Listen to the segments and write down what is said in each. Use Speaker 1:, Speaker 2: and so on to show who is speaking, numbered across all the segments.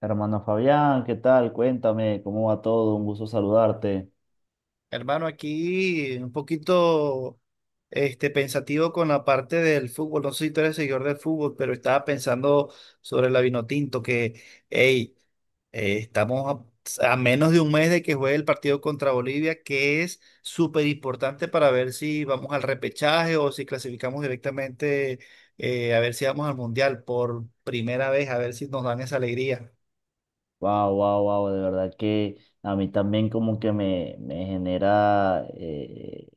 Speaker 1: Hermano Fabián, ¿qué tal? Cuéntame, ¿cómo va todo? Un gusto saludarte.
Speaker 2: Hermano, aquí un poquito pensativo con la parte del fútbol. No sé si tú eres seguidor del fútbol, pero estaba pensando sobre la Vinotinto, que hey, estamos a menos de un mes de que juegue el partido contra Bolivia, que es súper importante para ver si vamos al repechaje o si clasificamos directamente, a ver si vamos al Mundial por primera vez, a ver si nos dan esa alegría.
Speaker 1: Wow, wow, wow, de verdad que a mí también como que me genera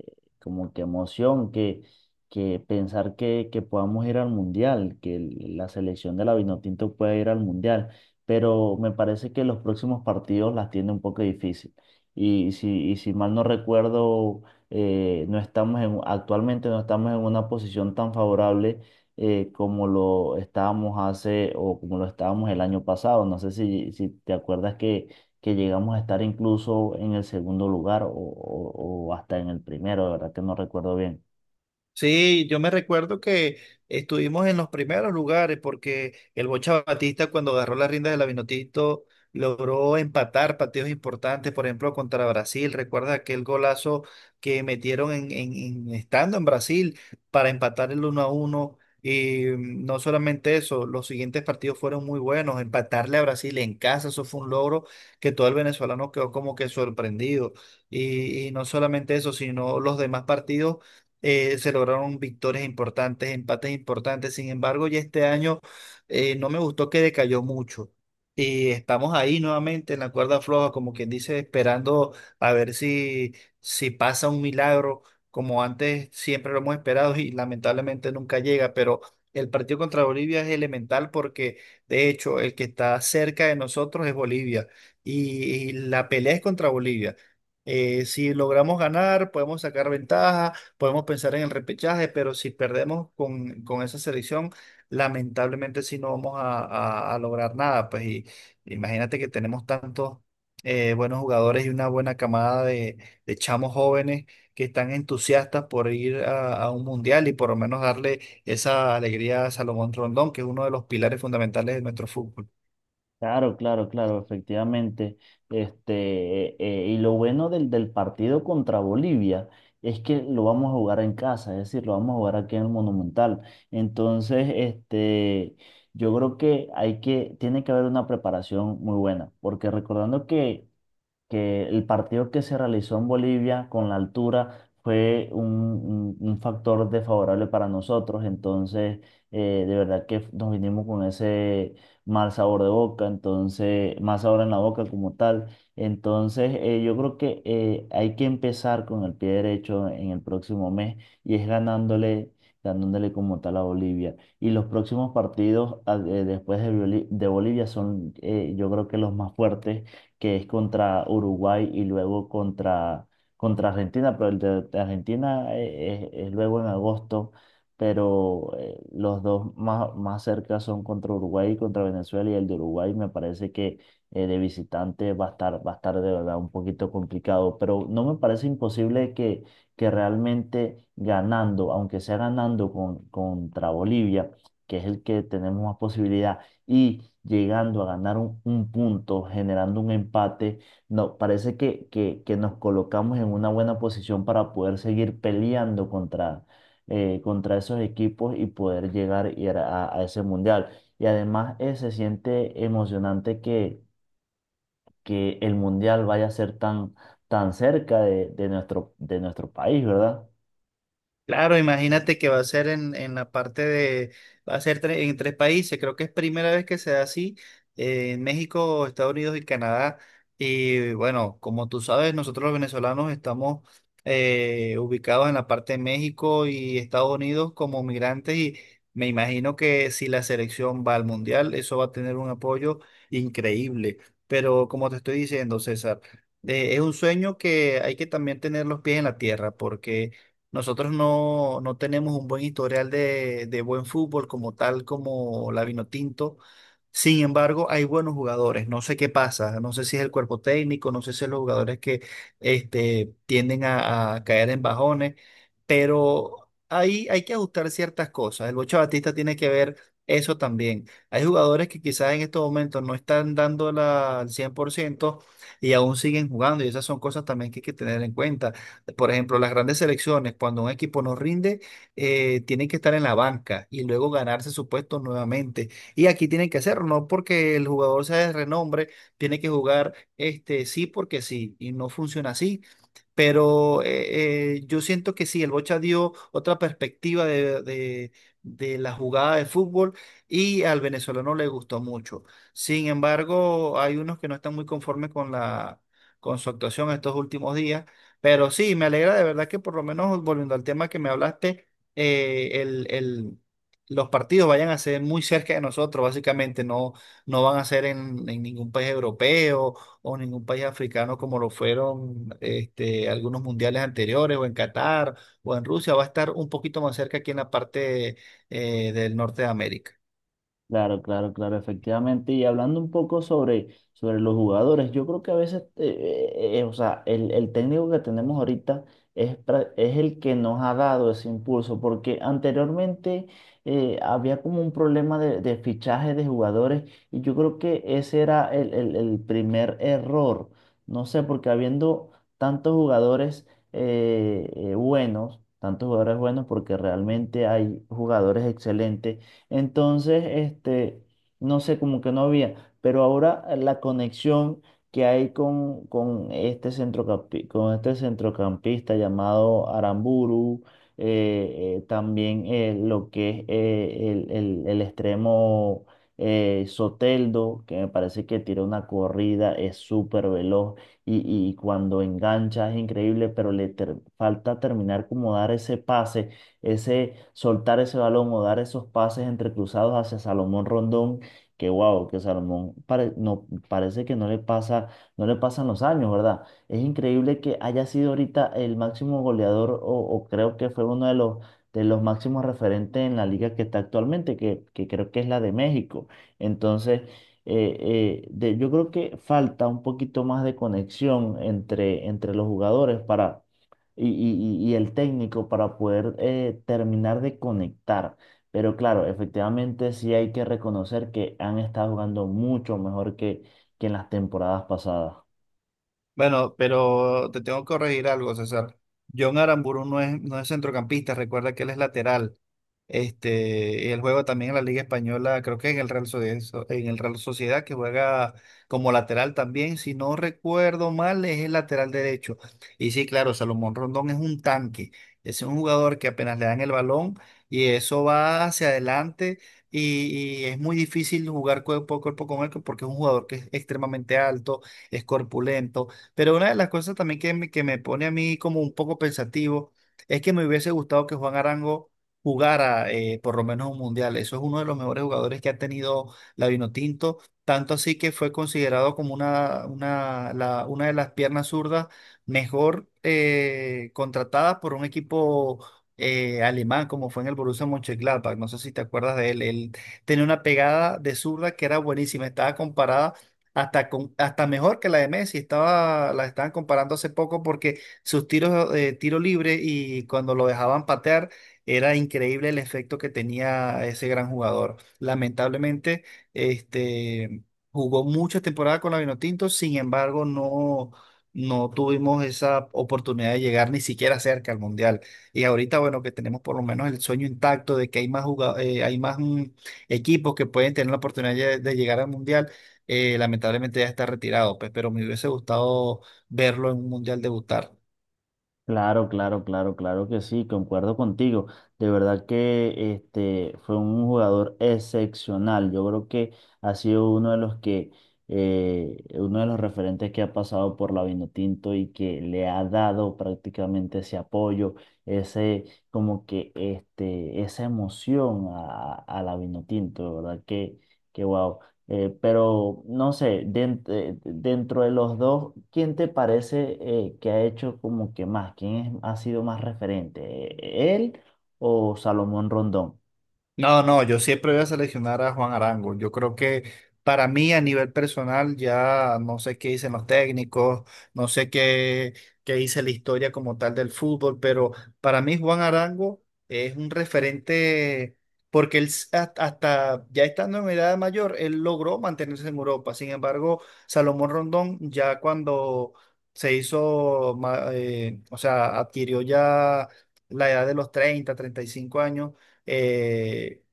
Speaker 1: como que emoción que pensar que podamos ir al mundial, que la selección de la Vinotinto pueda ir al mundial, pero me parece que los próximos partidos las tiene un poco difícil. Y si mal no recuerdo, no estamos en, actualmente no estamos en una posición tan favorable como lo estábamos hace o como lo estábamos el año pasado. No sé si te acuerdas que llegamos a estar incluso en el segundo lugar o, o hasta en el primero, de verdad que no recuerdo bien.
Speaker 2: Sí, yo me recuerdo que estuvimos en los primeros lugares porque el Bocha Batista cuando agarró las riendas del Vinotinto logró empatar partidos importantes, por ejemplo, contra Brasil. ¿Recuerdas aquel golazo que metieron estando en Brasil para empatar el 1 a uno. Y no solamente eso, los siguientes partidos fueron muy buenos. Empatarle a Brasil en casa, eso fue un logro que todo el venezolano quedó como que sorprendido. y y no solamente eso, sino los demás partidos se lograron victorias importantes, empates importantes. Sin embargo, ya este año no me gustó que decayó mucho. Y estamos ahí nuevamente en la cuerda floja, como quien dice, esperando a ver si pasa un milagro, como antes siempre lo hemos esperado y lamentablemente nunca llega, pero el partido contra Bolivia es elemental porque, de hecho, el que está cerca de nosotros es Bolivia y la pelea es contra Bolivia. Si logramos ganar, podemos sacar ventaja. Podemos pensar en el repechaje, pero si perdemos con esa selección, lamentablemente sí no vamos a lograr nada. Pues y imagínate que tenemos tantos buenos jugadores y una buena camada de chamos jóvenes que están entusiastas por ir a un mundial y por lo menos darle esa alegría a Salomón Rondón, que es uno de los pilares fundamentales de nuestro fútbol.
Speaker 1: Claro, claro, claro, efectivamente. Y lo bueno del partido contra Bolivia es que lo vamos a jugar en casa, es decir, lo vamos a jugar aquí en el Monumental. Entonces, yo creo que hay que, tiene que haber una preparación muy buena, porque recordando que el partido que se realizó en Bolivia con la altura fue un, un factor desfavorable para nosotros, entonces de verdad que nos vinimos con ese mal sabor de boca, entonces mal sabor en la boca como tal, entonces yo creo que hay que empezar con el pie derecho en el próximo mes y es ganándole, ganándole como tal a Bolivia. Y los próximos partidos después de, de Bolivia son yo creo que los más fuertes que es contra Uruguay y luego contra, contra Argentina, pero el de Argentina es luego en agosto, pero los dos más, más cerca son contra Uruguay y contra Venezuela, y el de Uruguay me parece que de visitante va a estar de verdad un poquito complicado, pero no me parece imposible que realmente ganando, aunque sea ganando con, contra Bolivia, que es el que tenemos más posibilidad, y llegando a ganar un punto, generando un empate, no, parece que nos colocamos en una buena posición para poder seguir peleando contra, contra esos equipos y poder llegar a ese mundial. Y además se siente emocionante que el mundial vaya a ser tan, tan cerca de nuestro país, ¿verdad?
Speaker 2: Claro, imagínate que va a ser en la parte de, va a ser en tres países, creo que es primera vez que se da así, en México, Estados Unidos y Canadá. Y bueno, como tú sabes, nosotros los venezolanos estamos ubicados en la parte de México y Estados Unidos como migrantes y me imagino que si la selección va al mundial, eso va a tener un apoyo increíble. Pero como te estoy diciendo, César, es un sueño que hay que también tener los pies en la tierra porque. Nosotros no, no tenemos un buen historial de buen fútbol como tal, como la Vinotinto. Sin embargo, hay buenos jugadores. No sé qué pasa. No sé si es el cuerpo técnico, no sé si es los jugadores que tienden a caer en bajones, pero ahí hay que ajustar ciertas cosas. El Bocha Batista tiene que ver eso también. Hay jugadores que quizás en estos momentos no están dando la, al 100% y aún siguen jugando, y esas son cosas también que hay que tener en cuenta. Por ejemplo, las grandes selecciones, cuando un equipo no rinde, tienen que estar en la banca y luego ganarse su puesto nuevamente. Y aquí tienen que hacerlo, no porque el jugador sea de renombre, tiene que jugar este sí porque sí, y no funciona así. Pero yo siento que sí, el Bocha dio otra perspectiva de la jugada de fútbol y al venezolano le gustó mucho. Sin embargo, hay unos que no están muy conformes con la, con su actuación estos últimos días. Pero sí, me alegra de verdad que por lo menos volviendo al tema que me hablaste, eh, el, el- los partidos vayan a ser muy cerca de nosotros, básicamente, no, no van a ser en ningún país europeo o ningún país africano como lo fueron algunos mundiales anteriores, o en Qatar, o en Rusia, va a estar un poquito más cerca aquí en la parte del norte de América.
Speaker 1: Claro, claro, claro, efectivamente. Y hablando un poco sobre, sobre los jugadores, yo creo que a veces, o sea, el técnico que tenemos ahorita es el que nos ha dado ese impulso, porque anteriormente había como un problema de fichaje de jugadores y yo creo que ese era el, el primer error. No sé, porque habiendo tantos jugadores buenos, tantos jugadores buenos, porque realmente hay jugadores excelentes entonces, no sé, como que no había, pero ahora la conexión que hay con este con este centrocampista llamado Aramburu, también lo que es el, el extremo Soteldo, que me parece que tira una corrida, es súper veloz y, y cuando engancha es increíble, pero falta terminar como dar ese pase ese soltar ese balón o dar esos pases entrecruzados hacia Salomón Rondón, que wow, que no, parece que no le pasa, no le pasan los años, ¿verdad? Es increíble que haya sido ahorita el máximo goleador o creo que fue uno de los máximos referentes en la liga que está actualmente, que creo que es la de México. Entonces, eh, yo creo que falta un poquito más de conexión entre, entre los jugadores el técnico para poder terminar de conectar. Pero claro, efectivamente sí hay que reconocer que han estado jugando mucho mejor que en las temporadas pasadas.
Speaker 2: Bueno, pero te tengo que corregir algo, César. John Aramburu no es centrocampista, recuerda que él es lateral. Él juega también en la Liga Española, creo que en el Real Sociedad, que juega como lateral también. Si no recuerdo mal, es el lateral derecho. Y sí, claro, Salomón Rondón es un tanque. Es un jugador que apenas le dan el balón y eso va hacia adelante. Y es muy difícil jugar cuerpo a cuerpo con él porque es un jugador que es extremadamente alto, es corpulento. Pero una de las cosas también que me pone a mí como un poco pensativo es que me hubiese gustado que Juan Arango jugara por lo menos un mundial. Eso es uno de los mejores jugadores que ha tenido la Vinotinto, tanto así que fue considerado como una de las piernas zurdas mejor contratadas por un equipo alemán, como fue en el Borussia Mönchengladbach. No sé si te acuerdas de él. Él tenía una pegada de zurda que era buenísima, estaba comparada. Hasta mejor que la de Messi, estaba, la estaban comparando hace poco porque sus tiros de tiro libre y cuando lo dejaban patear era increíble el efecto que tenía ese gran jugador. Lamentablemente, este, jugó muchas temporadas con la Vinotinto, sin embargo, no, no tuvimos esa oportunidad de llegar ni siquiera cerca al Mundial. Y ahorita, bueno, que tenemos por lo menos el sueño intacto de que hay más equipos que pueden tener la oportunidad de llegar al Mundial. Lamentablemente ya está retirado, pues, pero me hubiese gustado verlo en un Mundial debutar.
Speaker 1: Claro, claro, claro, claro que sí, concuerdo contigo. De verdad que este fue un jugador excepcional. Yo creo que ha sido uno de los que uno de los referentes que ha pasado por la Vinotinto y que le ha dado prácticamente ese apoyo, ese como que este esa emoción a la Vinotinto, de verdad que guau. Pero no sé, dentro de los dos, ¿quién te parece que ha hecho como que más? ¿Quién ha sido más referente? ¿Él o Salomón Rondón?
Speaker 2: No, no, yo siempre voy a seleccionar a Juan Arango. Yo creo que para mí a nivel personal ya no sé qué dicen los técnicos, no sé qué dice la historia como tal del fútbol, pero para mí Juan Arango es un referente porque él hasta ya estando en edad mayor, él logró mantenerse en Europa. Sin embargo, Salomón Rondón ya cuando se hizo, o sea, adquirió ya la edad de los 30, 35 años eh,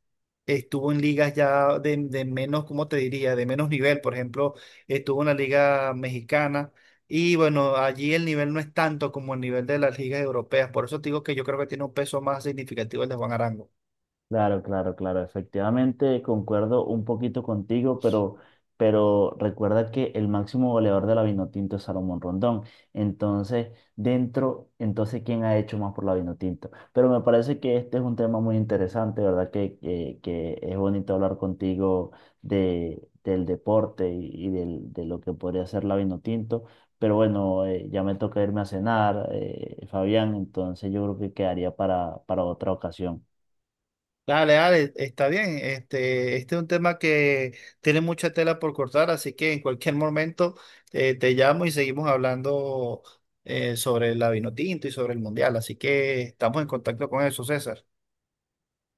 Speaker 2: estuvo en ligas ya de menos, ¿cómo te diría? De menos nivel, por ejemplo, estuvo en la liga mexicana y bueno, allí el nivel no es tanto como el nivel de las ligas europeas, por eso te digo que yo creo que tiene un peso más significativo el de Juan Arango.
Speaker 1: Claro, claro, claro. Efectivamente, concuerdo un poquito contigo, pero recuerda que el máximo goleador de la Vinotinto es Salomón Rondón. Entonces, dentro, entonces, ¿quién ha hecho más por la Vinotinto? Pero me parece que este es un tema muy interesante, ¿verdad? Que, que es bonito hablar contigo de, del deporte y, de lo que podría ser la Vinotinto. Pero bueno, ya me toca irme a cenar, Fabián, entonces yo creo que quedaría para otra ocasión.
Speaker 2: Dale, dale, está bien. Este es un tema que tiene mucha tela por cortar, así que en cualquier momento te llamo y seguimos hablando sobre la Vinotinto y sobre el Mundial. Así que estamos en contacto con eso, César.